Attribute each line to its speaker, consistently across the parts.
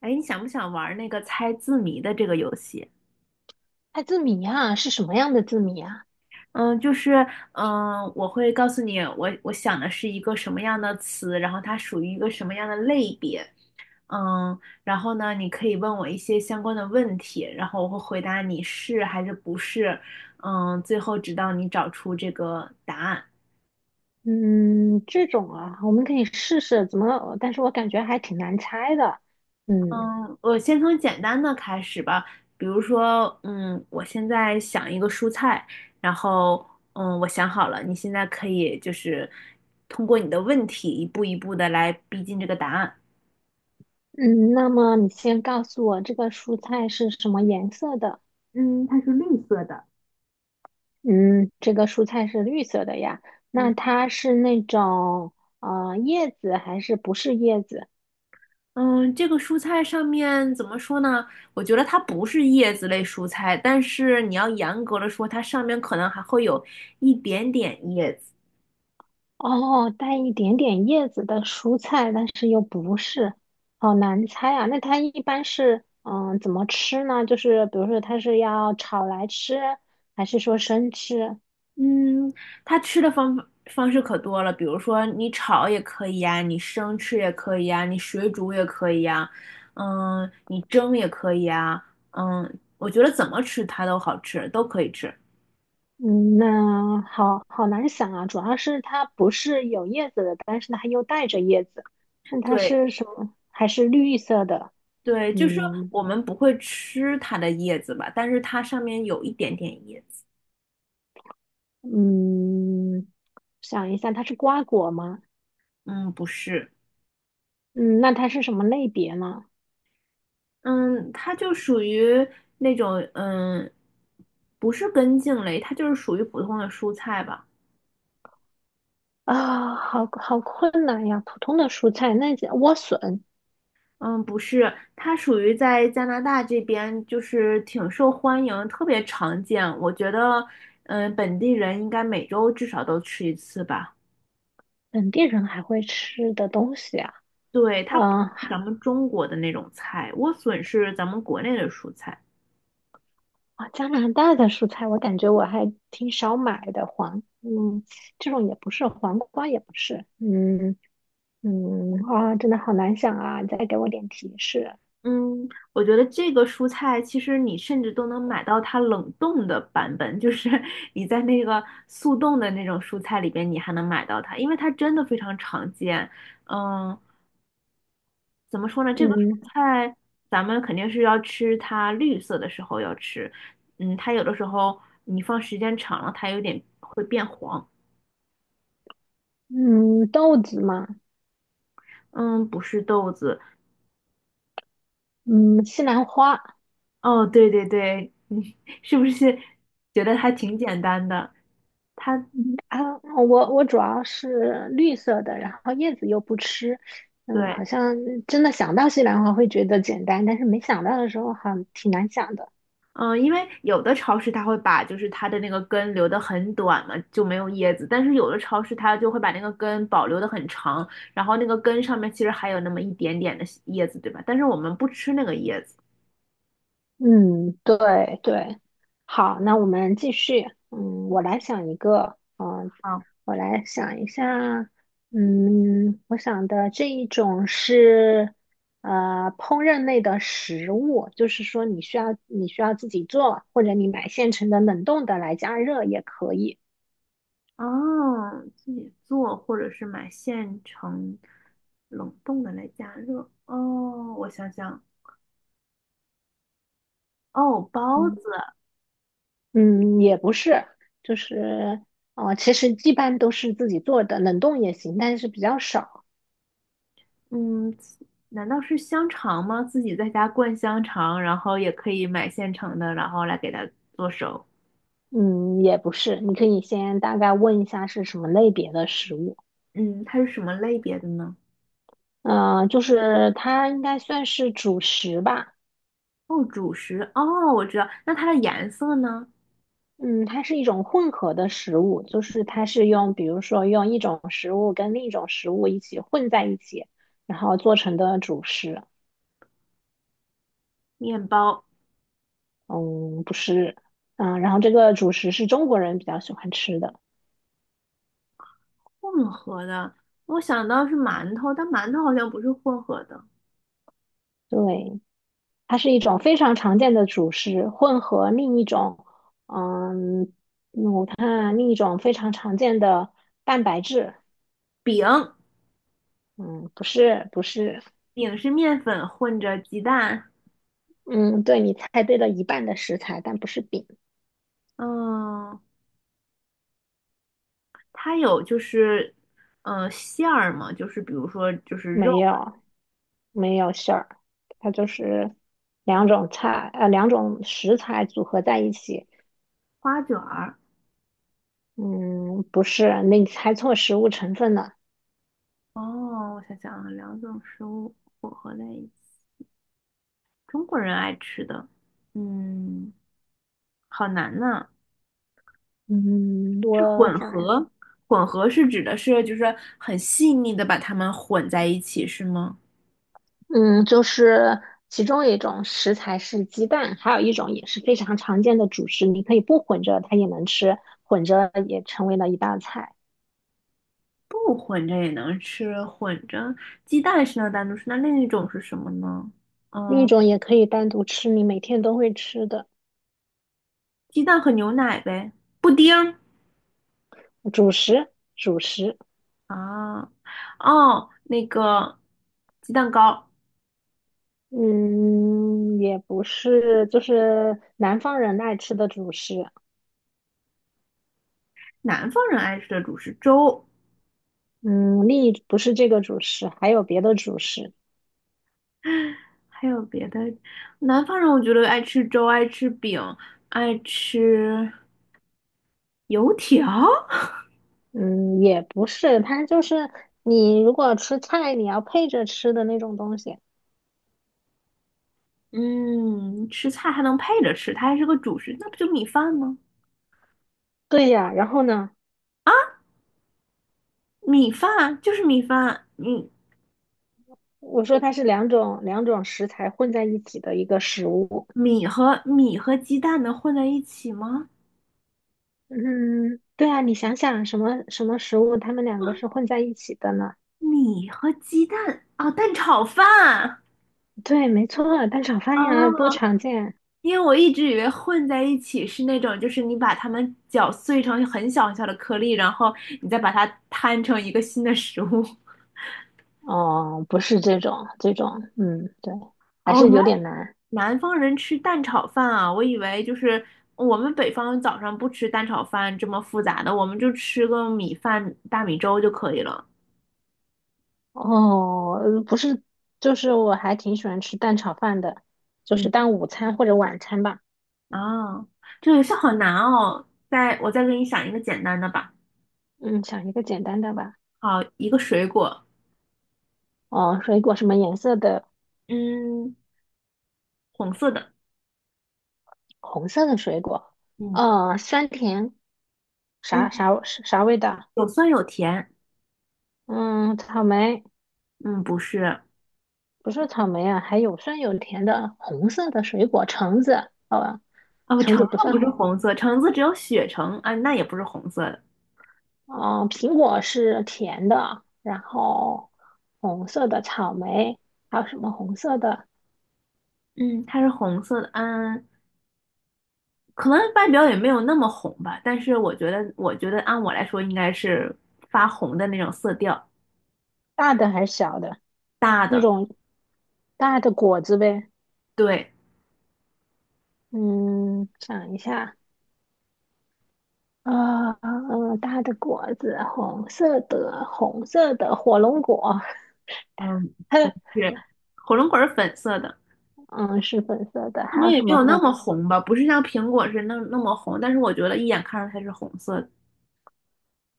Speaker 1: 哎，你想不想玩那个猜字谜的这个游戏？
Speaker 2: 猜字谜啊，是什么样的字谜啊？
Speaker 1: 嗯，就是我会告诉你我想的是一个什么样的词，然后它属于一个什么样的类别。然后呢，你可以问我一些相关的问题，然后我会回答你是还是不是。最后直到你找出这个答案。
Speaker 2: 嗯，这种啊，我们可以试试怎么，但是我感觉还挺难猜的。嗯
Speaker 1: 嗯，我先从简单的开始吧。比如说，我现在想一个蔬菜，然后，我想好了，你现在可以就是通过你的问题一步一步的来逼近这个答案。
Speaker 2: 嗯，那么你先告诉我这个蔬菜是什么颜色的？
Speaker 1: 嗯，它是绿色的。
Speaker 2: 嗯，这个蔬菜是绿色的呀。
Speaker 1: 嗯，
Speaker 2: 那它是那种叶子还是不是叶子？
Speaker 1: 嗯，这个蔬菜上面怎么说呢？我觉得它不是叶子类蔬菜，但是你要严格的说，它上面可能还会有一点点叶子。
Speaker 2: 哦，带一点点叶子的蔬菜，但是又不是，好难猜啊。那它一般是怎么吃呢？就是比如说它是要炒来吃，还是说生吃？
Speaker 1: 嗯，它吃的方法方式可多了，比如说你炒也可以呀，你生吃也可以呀，你水煮也可以呀，你蒸也可以呀，我觉得怎么吃它都好吃，都可以吃。
Speaker 2: 嗯，那好好难想啊。主要是它不是有叶子的，但是它又带着叶子。那它
Speaker 1: 对
Speaker 2: 是什么？还是绿色的？
Speaker 1: 对，就是
Speaker 2: 嗯
Speaker 1: 我们不会吃它的叶子吧，但是它上面有一点点叶子。
Speaker 2: 嗯，想一下，它是瓜果吗？
Speaker 1: 嗯，不是。
Speaker 2: 嗯，那它是什么类别呢？
Speaker 1: 嗯，它就属于那种不是根茎类，它就是属于普通的蔬菜吧。
Speaker 2: 啊，好好困难呀！普通的蔬菜，那叫莴笋，
Speaker 1: 嗯，不是，它属于在加拿大这边，就是挺受欢迎，特别常见。我觉得，本地人应该每周至少都吃一次吧。
Speaker 2: 本地人还会吃的东西啊。
Speaker 1: 对，它不是
Speaker 2: 啊、
Speaker 1: 咱们中国的那种菜，莴笋是咱们国内的蔬菜。
Speaker 2: 啊，加拿大的蔬菜，我感觉我还挺少买的。黄，这种也不是，黄瓜也不是。嗯嗯，啊，真的好难想啊！再给我点提示。
Speaker 1: 嗯，我觉得这个蔬菜其实你甚至都能买到它冷冻的版本，就是 你在那个速冻的那种蔬菜里边，你还能买到它，因为它真的非常常见。嗯，怎么说呢？这个
Speaker 2: 嗯
Speaker 1: 蔬菜咱们肯定是要吃它绿色的时候要吃。它有的时候你放时间长了，它有点会变黄。
Speaker 2: 嗯，豆子嘛，
Speaker 1: 嗯，不是豆子。
Speaker 2: 嗯，西兰花。
Speaker 1: 哦，对对对，你 是不是觉得还挺简单的？它
Speaker 2: 嗯啊，我主要是绿色的，然后叶子又不吃，
Speaker 1: 对，
Speaker 2: 好像真的想到西兰花会觉得简单，但是没想到的时候好像挺难想的。
Speaker 1: 嗯，因为有的超市它会把就是它的那个根留得很短嘛，就没有叶子，但是有的超市它就会把那个根保留的很长，然后那个根上面其实还有那么一点点的叶子，对吧？但是我们不吃那个叶子。
Speaker 2: 嗯，对对，好，那我们继续。我来想一个，
Speaker 1: 哦。
Speaker 2: 我来想一下，我想的这一种是烹饪类的食物，就是说你需要自己做，或者你买现成的冷冻的来加热也可以。
Speaker 1: 哦，自己做或者是买现成冷冻的来加热。哦，我想想，哦，包子。
Speaker 2: 嗯，也不是，就是其实一般都是自己做的，冷冻也行，但是比较少。
Speaker 1: 嗯，难道是香肠吗？自己在家灌香肠，然后也可以买现成的，然后来给它做熟。
Speaker 2: 嗯，也不是，你可以先大概问一下是什么类别的食物。
Speaker 1: 嗯，它是什么类别的呢？
Speaker 2: 就是它应该算是主食吧。
Speaker 1: 哦，主食。哦，我知道。那它的颜色呢？
Speaker 2: 嗯，它是一种混合的食物，就是它是用，比如说用一种食物跟另一种食物一起混在一起，然后做成的主食。
Speaker 1: 面包。
Speaker 2: 嗯，不是。嗯，然后这个主食是中国人比较喜欢吃的。
Speaker 1: 混合的，我想到是馒头，但馒头好像不是混合的。
Speaker 2: 对，它是一种非常常见的主食，混合另一种。嗯，嗯，另一种非常常见的蛋白质，
Speaker 1: 饼。
Speaker 2: 嗯，不是不是，
Speaker 1: 饼是面粉混着鸡蛋。
Speaker 2: 嗯，对你猜对了一半的食材，但不是饼，
Speaker 1: 嗯，它有馅儿嘛，比如说肉。
Speaker 2: 没有没有馅儿，它就是两种菜，两种食材组合在一起，
Speaker 1: 花卷儿。
Speaker 2: 嗯，不是，那你猜错食物成分了，
Speaker 1: 哦，我想想啊，两种食物混合在一起，中国人爱吃的。嗯，好难呐。
Speaker 2: 嗯，我想，
Speaker 1: 呃，混合指的是很细腻的把它们混在一起，是吗？
Speaker 2: 嗯，就是其中一种食材是鸡蛋，还有一种也是非常常见的主食，你可以不混着它也能吃，混着也成为了一道菜。
Speaker 1: 不混着也能吃，混着鸡蛋是能单独吃，那另一种是什么呢？
Speaker 2: 另一
Speaker 1: 嗯，
Speaker 2: 种也可以单独吃，你每天都会吃的
Speaker 1: 鸡蛋和牛奶呗，布丁儿。
Speaker 2: 主食，主食，
Speaker 1: 啊，哦，那个鸡蛋糕。
Speaker 2: 嗯，也不是，就是南方人爱吃的主食，
Speaker 1: 南方人爱吃的主食粥。
Speaker 2: 嗯，另一不是这个主食，还有别的主食，
Speaker 1: 还有别的，南方人我觉得爱吃粥，爱吃饼，爱吃油条。
Speaker 2: 嗯，也不是，它就是你如果吃菜，你要配着吃的那种东西。
Speaker 1: 嗯，吃菜还能配着吃，它还是个主食，那不就米饭吗？
Speaker 2: 对呀，然后呢，
Speaker 1: 米饭就是米饭。嗯，
Speaker 2: 我说它是两种食材混在一起的一个食物，
Speaker 1: 米和鸡蛋能混在一起吗？
Speaker 2: 嗯，对啊，你想想什么食物，它们两个是混在一起的呢？
Speaker 1: 米和鸡蛋，啊，蛋炒饭。
Speaker 2: 对，没错，蛋炒饭呀，多
Speaker 1: 啊，
Speaker 2: 常见。
Speaker 1: 因为我一直以为混在一起是那种，就是你把它们搅碎成很小很小的颗粒，然后你再把它摊成一个新的食物。
Speaker 2: 哦，不是这种，这种，嗯，对，还
Speaker 1: 哦，
Speaker 2: 是
Speaker 1: 原来
Speaker 2: 有点难。
Speaker 1: 南方人吃蛋炒饭啊。我以为就是我们北方早上不吃蛋炒饭这么复杂的，我们就吃个米饭、大米粥就可以了。
Speaker 2: 哦，不是，就是我还挺喜欢吃蛋炒饭的，就
Speaker 1: 嗯，
Speaker 2: 是当午餐或者晚餐吧。
Speaker 1: 啊，这个游戏好难哦。我再给你想一个简单的吧。
Speaker 2: 嗯，想一个简单的吧。
Speaker 1: 好，一个水果。
Speaker 2: 哦，水果什么颜色的？
Speaker 1: 嗯，红色的。
Speaker 2: 红色的水果。
Speaker 1: 嗯
Speaker 2: 哦，酸甜，
Speaker 1: 嗯，
Speaker 2: 啥味道？
Speaker 1: 有酸有甜。
Speaker 2: 嗯，草莓，
Speaker 1: 嗯，不是。
Speaker 2: 不是草莓啊，还有酸有甜的红色的水果，橙子。好吧，
Speaker 1: 啊，
Speaker 2: 橙
Speaker 1: 橙
Speaker 2: 子
Speaker 1: 子
Speaker 2: 不算
Speaker 1: 不是
Speaker 2: 红。
Speaker 1: 红色，橙子只有血橙啊，那也不是红色的。
Speaker 2: 苹果是甜的，然后红色的草莓，还有什么红色的？
Speaker 1: 嗯，它是红色的。嗯，可能外表也没有那么红吧，但是我觉得按我来说应该是发红的那种色调。
Speaker 2: 大的还是小的？
Speaker 1: 大
Speaker 2: 那
Speaker 1: 的。
Speaker 2: 种大的果子呗。
Speaker 1: 对。
Speaker 2: 嗯，想一下，啊、呃，大的果子，红色的，红色的火龙果，
Speaker 1: 嗯，是，火龙果是粉色的。
Speaker 2: 嗯，是粉色的。
Speaker 1: 可
Speaker 2: 还
Speaker 1: 能
Speaker 2: 有
Speaker 1: 也
Speaker 2: 什
Speaker 1: 没
Speaker 2: 么
Speaker 1: 有那
Speaker 2: 红？
Speaker 1: 么红吧，不是像苹果是那么红，但是我觉得一眼看上它是红色的。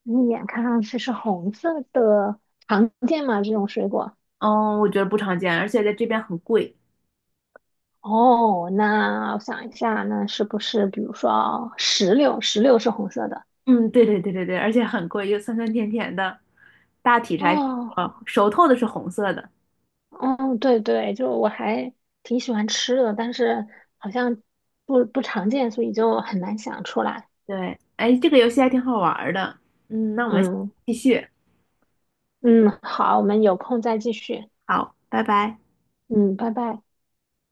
Speaker 2: 你一眼看上去是红色的，常见吗？这种水果？
Speaker 1: 嗯，我觉得不常见，而且在这边很贵。
Speaker 2: 哦，那我想一下，那是不是比如说石榴？石榴是红色的。
Speaker 1: 嗯，对对对对对，而且很贵，又酸酸甜甜的。大体上，还是
Speaker 2: 哦，
Speaker 1: 熟透的是红色的。
Speaker 2: 嗯，对对，就我还挺喜欢吃的，但是好像不常见，所以就很难想出来。
Speaker 1: 对，哎，这个游戏还挺好玩儿的。那我们下次
Speaker 2: 嗯
Speaker 1: 继续。
Speaker 2: 嗯，好，我们有空再继续。
Speaker 1: 好，拜拜。
Speaker 2: 嗯，拜拜。